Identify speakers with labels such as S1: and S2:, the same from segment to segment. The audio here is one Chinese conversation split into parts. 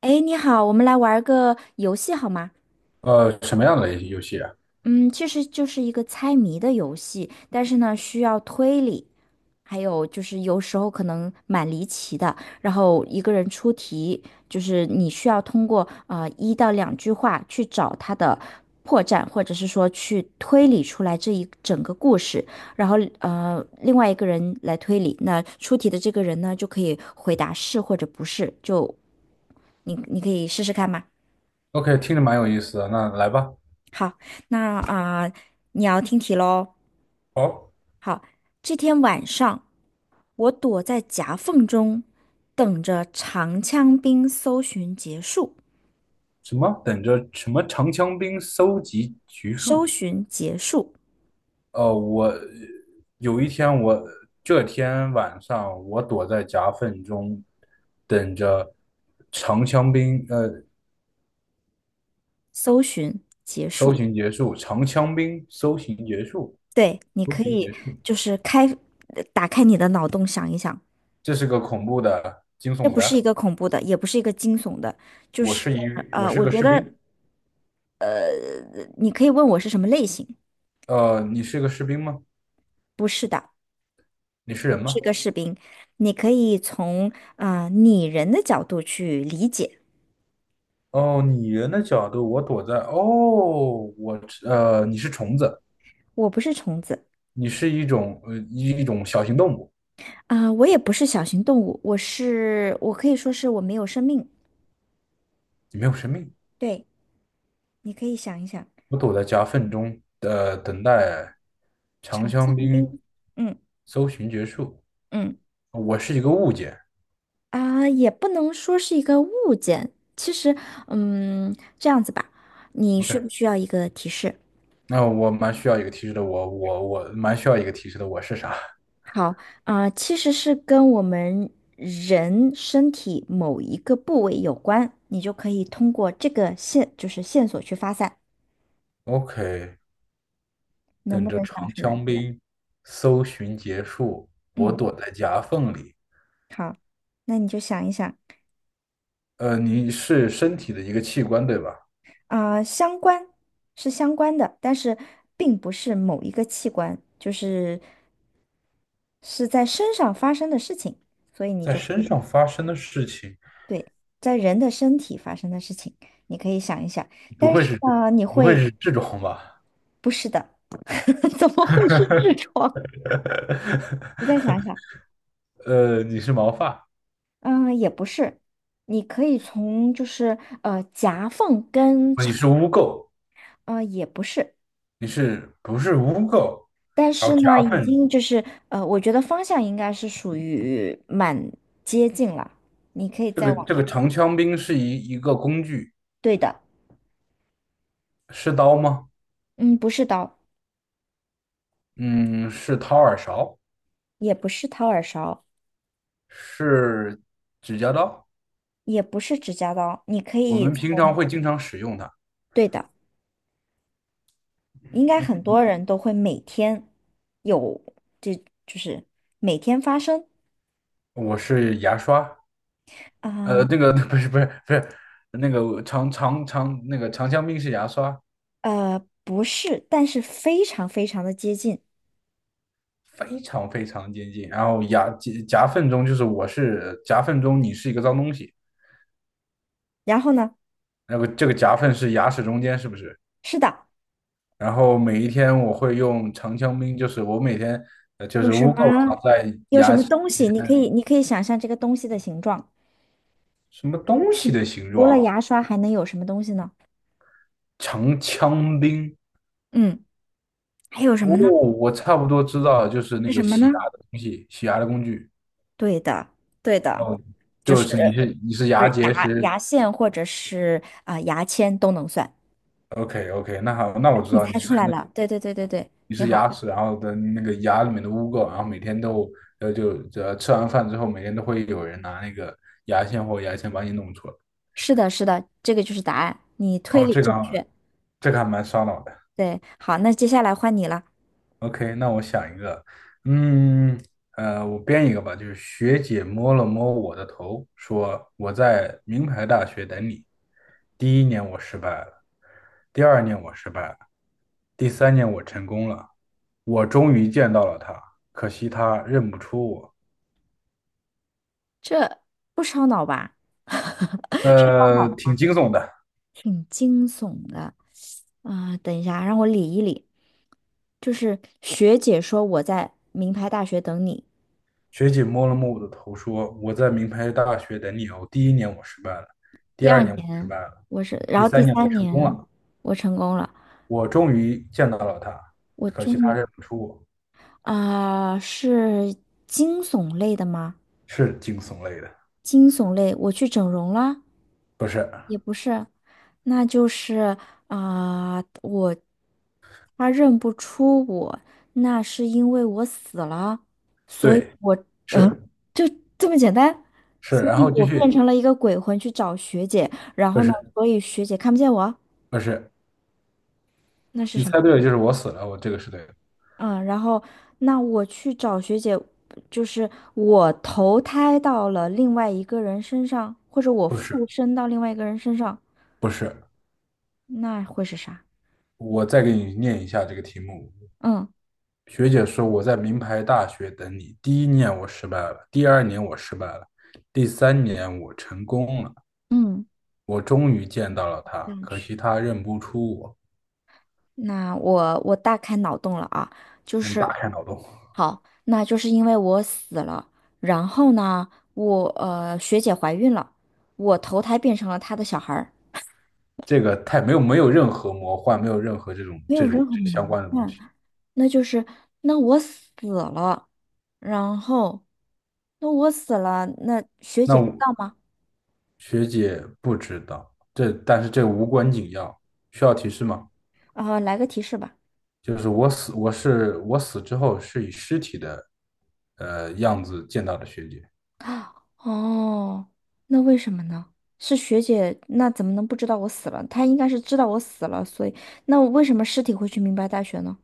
S1: 哎，你好，我们来玩儿个游戏好吗？
S2: 什么样的游戏啊
S1: 嗯，其实就是一个猜谜的游戏，但是呢，需要推理，还有就是有时候可能蛮离奇的。然后一个人出题，就是你需要通过一到两句话去找他的破绽，或者是说去推理出来这一整个故事。然后另外一个人来推理，那出题的这个人呢，就可以回答是或者不是。就你可以试试看吗？
S2: ？？OK，听着蛮有意思的，那来吧。
S1: 好，那啊、你要听题喽。
S2: 哦，
S1: 好，这天晚上，我躲在夹缝中，等着长枪兵搜寻结束，
S2: 什么？等着什么？长枪兵搜集橘
S1: 搜
S2: 树。
S1: 寻结束，
S2: 呃，我有一天我，这天晚上，我躲在夹缝中，等着长枪兵。
S1: 搜寻结
S2: 搜
S1: 束。
S2: 寻结束，长枪兵搜寻结束，
S1: 对，你
S2: 搜
S1: 可
S2: 寻
S1: 以
S2: 结束。
S1: 就是开，呃打开你的脑洞想一想，
S2: 这是个恐怖的、惊
S1: 这
S2: 悚
S1: 不是一
S2: 的。
S1: 个恐怖的，也不是一个惊悚的，就
S2: 我
S1: 是
S2: 是一，我
S1: 呃，
S2: 是
S1: 我
S2: 个
S1: 觉
S2: 士
S1: 得
S2: 兵。
S1: 呃你可以问我是什么类型，
S2: 你是个士兵吗？
S1: 不是的，
S2: 你是人吗？
S1: 你可以从拟人的角度去理解。
S2: 哦，拟人的角度，我躲在。哦，我你是虫子，
S1: 我不是虫子。
S2: 你是一种小型动物，
S1: 我也不是小型动物，我是，我可以说是我没有生命。
S2: 你没有生命。
S1: 对，你可以想一想。
S2: 我躲在夹缝中，等待长
S1: 长香
S2: 香兵
S1: 槟，嗯
S2: 搜寻结束。
S1: 嗯
S2: 我是一个物件。
S1: 也不能说是一个物件。其实，这样子吧，你需
S2: OK,
S1: 不需要一个提示？
S2: 那我蛮需要一个提示的。我蛮需要一个提示的。我是啥
S1: 好。其实是跟我们人身体某一个部位有关，你就可以通过这个线，就是线索去发散，
S2: ？OK,
S1: 能
S2: 等
S1: 不
S2: 着
S1: 能想
S2: 长
S1: 出来？
S2: 枪兵搜寻结束，我
S1: 嗯，
S2: 躲在夹缝里。
S1: 好，那你就想一想。
S2: 你是身体的一个器官，对吧？
S1: 相关是相关的，但是并不是某一个器官，就是是在身上发生的事情，所以你
S2: 在
S1: 就可
S2: 身
S1: 以
S2: 上发生的事情，
S1: 对。在人的身体发生的事情，你可以想一想。
S2: 不
S1: 但
S2: 会
S1: 是
S2: 是
S1: 呢，你
S2: 不会
S1: 会
S2: 是这种吧？
S1: 不是的。怎么会是痔 疮？你再想一想。
S2: 你是毛发，
S1: 嗯、也不是，你可以从夹缝跟
S2: 你
S1: 肠，
S2: 是污垢，
S1: 呃，也不是。
S2: 你是不是污垢？
S1: 但
S2: 然
S1: 是
S2: 后夹
S1: 呢，已
S2: 缝，
S1: 经就是我觉得方向应该是属于蛮接近了。你可以
S2: 这
S1: 再
S2: 个
S1: 往
S2: 这
S1: 这
S2: 个
S1: 个
S2: 长枪兵是一个工具，
S1: 对的，
S2: 是刀吗？
S1: 嗯，不是刀，
S2: 嗯，是掏耳勺，
S1: 也不是掏耳勺，
S2: 是指甲刀，
S1: 也不是指甲刀，你可
S2: 我
S1: 以
S2: 们平常
S1: 从，
S2: 会经常使用它。
S1: 对的，应该很多人都会每天有，这就是每天发生。
S2: 我是牙刷，
S1: 啊，
S2: 那个 不是，那个长长长那个长枪兵是牙刷，
S1: 呃，不是，但是非常的接近。
S2: 非常非常接近。然后夹缝中就是我是夹缝中，你是一个脏东西。
S1: 然后呢，
S2: 那个这个夹缝是牙齿中间，是不是？
S1: 是的，
S2: 然后每一天我会用长枪兵，就是我每天就
S1: 有
S2: 是
S1: 什
S2: 污垢
S1: 么
S2: 藏在
S1: 有什
S2: 牙
S1: 么
S2: 齿
S1: 东西，你可以想象这个东西的形状。
S2: 什么东西的形
S1: 除了
S2: 状，
S1: 牙刷还能有什么东西呢？
S2: 长枪兵，
S1: 嗯，还有什
S2: 哦，
S1: 么呢？
S2: 我差不多知道了，就是那
S1: 是什
S2: 个
S1: 么
S2: 洗牙
S1: 呢？
S2: 的东西，洗牙的工具。
S1: 对的，对的。
S2: 哦，
S1: 就
S2: 就
S1: 是
S2: 是你是
S1: 就
S2: 牙
S1: 是
S2: 结
S1: 牙
S2: 石
S1: 牙线或者是牙签都能算。
S2: ，OK OK,那好，那我知
S1: 你
S2: 道你
S1: 猜
S2: 是
S1: 出来
S2: 那个
S1: 了，对，
S2: 你
S1: 挺
S2: 是牙
S1: 好。
S2: 齿，然后的那个牙里面的污垢，然后每天都呃就呃吃完饭之后，每天都会有人拿那个牙线或牙签把你弄出来，
S1: 是的，这个就是答案，你推
S2: 哦，
S1: 理
S2: 这个
S1: 正确。
S2: 这个还蛮烧脑的。
S1: 对，好，那接下来换你了。
S2: OK,那我想一个，嗯，我编一个吧，就是学姐摸了摸我的头，说我在名牌大学等你。第一年我失败了，第二年我失败了，第三年我成功了，我终于见到了他，可惜他认不出我。
S1: 这不烧脑吧？哦，
S2: 挺惊悚的。
S1: 挺惊悚的。等一下，让我理一理。就是学姐说我在名牌大学等你，
S2: 学姐摸了摸我的头，说我在名牌大学等你哦。第一年我失败了，第
S1: 第二
S2: 二年我失
S1: 年
S2: 败了，
S1: 我是，然
S2: 第
S1: 后第
S2: 三年我
S1: 三
S2: 成功
S1: 年
S2: 了。
S1: 我成功了，
S2: 我终于见到了他，
S1: 我
S2: 可
S1: 终
S2: 惜他
S1: 于。
S2: 认不出我，
S1: 是惊悚类的吗？
S2: 是惊悚类的，
S1: 惊悚类，我去整容了，
S2: 不是？
S1: 也不是，那就是。我他认不出我，那是因为我死了。
S2: 对，
S1: 嗯，
S2: 是
S1: 就这么简单。
S2: 是，
S1: 所
S2: 然
S1: 以
S2: 后继
S1: 我变
S2: 续，
S1: 成了一个鬼魂去找学姐，然
S2: 不
S1: 后呢，
S2: 是
S1: 所以学姐看不见我，
S2: 不是，
S1: 那是
S2: 你
S1: 什
S2: 猜
S1: 么？
S2: 对了，就是我死了，我这个是对的，
S1: 嗯，然后那我去找学姐，就是我投胎到了另外一个人身上，或者我
S2: 不是
S1: 附身到另外一个人身上，
S2: 不是，
S1: 那会是啥？
S2: 我再给你念一下这个题目。
S1: 嗯
S2: 学姐说我在名牌大学等你，第一年我失败了，第二年我失败了，第三年我成功了，
S1: 嗯，
S2: 我终于见到了
S1: 这
S2: 他，
S1: 样
S2: 可
S1: 去。
S2: 惜他认不出我。
S1: 那我大开脑洞了啊，就
S2: 嗯，
S1: 是
S2: 打开脑洞。
S1: 好，那就是因为我死了，然后呢，我学姐怀孕了，我投胎变成了她的小孩儿，
S2: 这个太没有任何魔幻，没有任何这种
S1: 没有
S2: 这
S1: 任
S2: 种
S1: 何
S2: 这相
S1: 魔
S2: 关的东
S1: 幻。
S2: 西。
S1: 那就是那我死了，然后那我死了，那学
S2: 那
S1: 姐知
S2: 我
S1: 道吗？
S2: 学姐不知道，这但是这无关紧要，需要提示吗？
S1: 来个提示吧。
S2: 就是我是我死之后是以尸体的样子见到的学姐。
S1: 啊，哦，那为什么呢？是学姐，那怎么能不知道我死了？她应该是知道我死了，所以那我为什么尸体会去明白大学呢？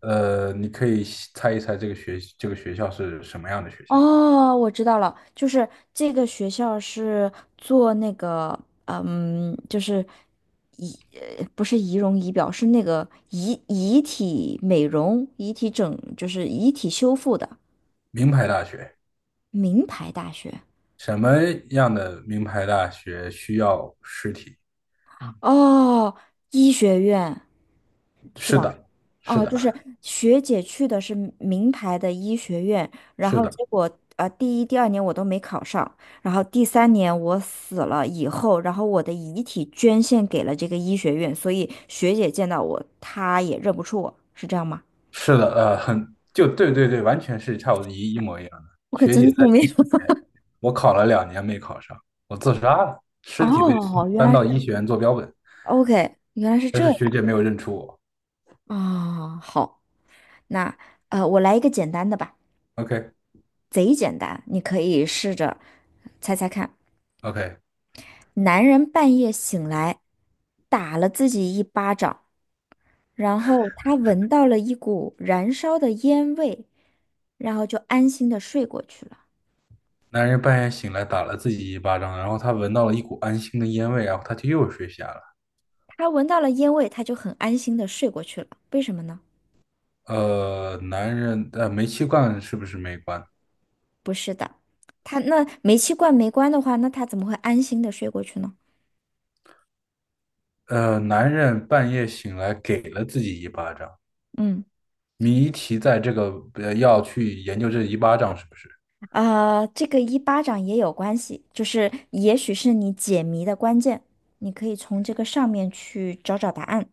S2: 你可以猜一猜这个这个学校是什么样的学校？
S1: 哦，我知道了，就是这个学校是做那个，嗯，就是仪，不是仪容仪表，是那个遗体美容、遗体整，就是遗体修复的
S2: 名牌大学。
S1: 名牌大学。
S2: 什么样的名牌大学需要尸体？
S1: 哦，医学院是
S2: 是
S1: 吧？
S2: 的，是
S1: 哦，就
S2: 的，
S1: 是学姐去的是名牌的医学院，然
S2: 是
S1: 后
S2: 的。
S1: 结果第一、第二年我都没考上，然后第三年我死了以后，然后我的遗体捐献给了这个医学院，所以学姐见到我，她也认不出我，是这样吗？
S2: 是的，很，就对对对，完全是差不多一模一样的。
S1: 我可
S2: 学姐
S1: 真
S2: 在
S1: 聪明。
S2: 医学 我考了两年没考上，我自杀了，尸体被
S1: 哦，原
S2: 搬
S1: 来
S2: 到
S1: 是
S2: 医学院做标本，
S1: OK，原来是
S2: 但
S1: 这
S2: 是
S1: 样。
S2: 学姐没有认出我。
S1: 啊，好，那我来一个简单的吧，
S2: OK
S1: 贼简单，你可以试着猜猜看。
S2: OK,
S1: 男人半夜醒来，打了自己一巴掌，然后他闻到了一股燃烧的烟味，然后就安心的睡过去了。
S2: 男人半夜醒来打了自己一巴掌，然后他闻到了一股安心的烟味，然后他就又睡下了。
S1: 他闻到了烟味，他就很安心的睡过去了。为什么呢？
S2: 煤气罐是不是没关？
S1: 不是的，他那煤气罐没关的话，那他怎么会安心的睡过去呢？
S2: 男人半夜醒来给了自己一巴掌，
S1: 嗯。
S2: 谜题在这个，要去研究这一巴掌是不是？
S1: 啊，这个一巴掌也有关系，就是也许是你解谜的关键，你可以从这个上面去找找答案。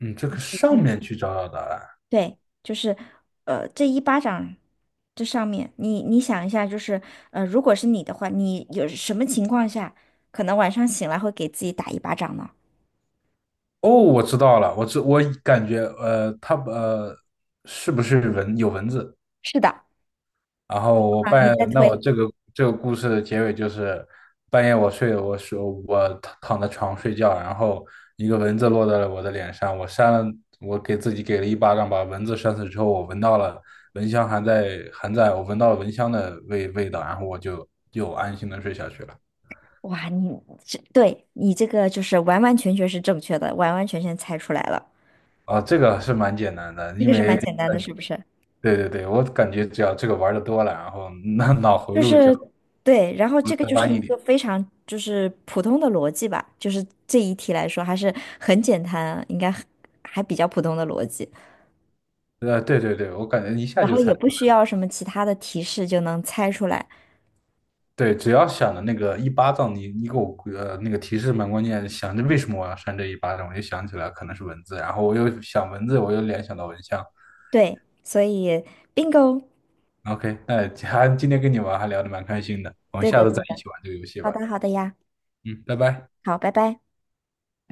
S2: 嗯，这个上面去找找答案。
S1: 对，就是这一巴掌这上面，你你想一下，就是如果是你的话，你有什么情况下可能晚上醒来会给自己打一巴掌呢？
S2: 哦，我知道了，我知我感觉呃，它呃是不是有蚊子？
S1: 是的，
S2: 然后我
S1: 啊，你
S2: 半夜，
S1: 在
S2: 那我
S1: 推。
S2: 这个这个故事的结尾就是半夜我躺在床睡觉，然后一个蚊子落在了我的脸上，我扇了，我给自己给了一巴掌，把蚊子扇死之后，我闻到了蚊香还在，我闻到了蚊香的味道，然后我就又安心的睡下去了。
S1: 哇，你这对你这个就是完完全全是正确的，完完全全猜出来了。
S2: 啊，这个是蛮简单的，
S1: 这
S2: 因
S1: 个是
S2: 为
S1: 蛮简单的，是不是？
S2: 对对对，我感觉只要这个玩的多了，然后那脑回
S1: 就
S2: 路只要
S1: 是对，然后这个
S2: 再
S1: 就是
S2: 弯
S1: 一
S2: 一
S1: 个
S2: 点，
S1: 非常就是普通的逻辑吧，就是这一题来说还是很简单啊，应该很还比较普通的逻辑。
S2: 对对对，我感觉一下
S1: 然
S2: 就
S1: 后
S2: 猜
S1: 也
S2: 出
S1: 不需
S2: 来，
S1: 要什么其他的提示就能猜出来。
S2: 对，只要想着那个一巴掌，你给我那个提示蛮关键，想着为什么我要扇这一巴掌，我就想起来可能是文字，然后我又想文字，我又联想到蚊香。
S1: 对，所以 bingo。
S2: OK,那 还今天跟你玩还聊得蛮开心的，我们
S1: 对
S2: 下
S1: 的，
S2: 次
S1: 对
S2: 再一
S1: 的。
S2: 起玩这个游戏
S1: 好
S2: 吧。
S1: 的，好的呀，
S2: 嗯，拜拜。
S1: 好，拜拜。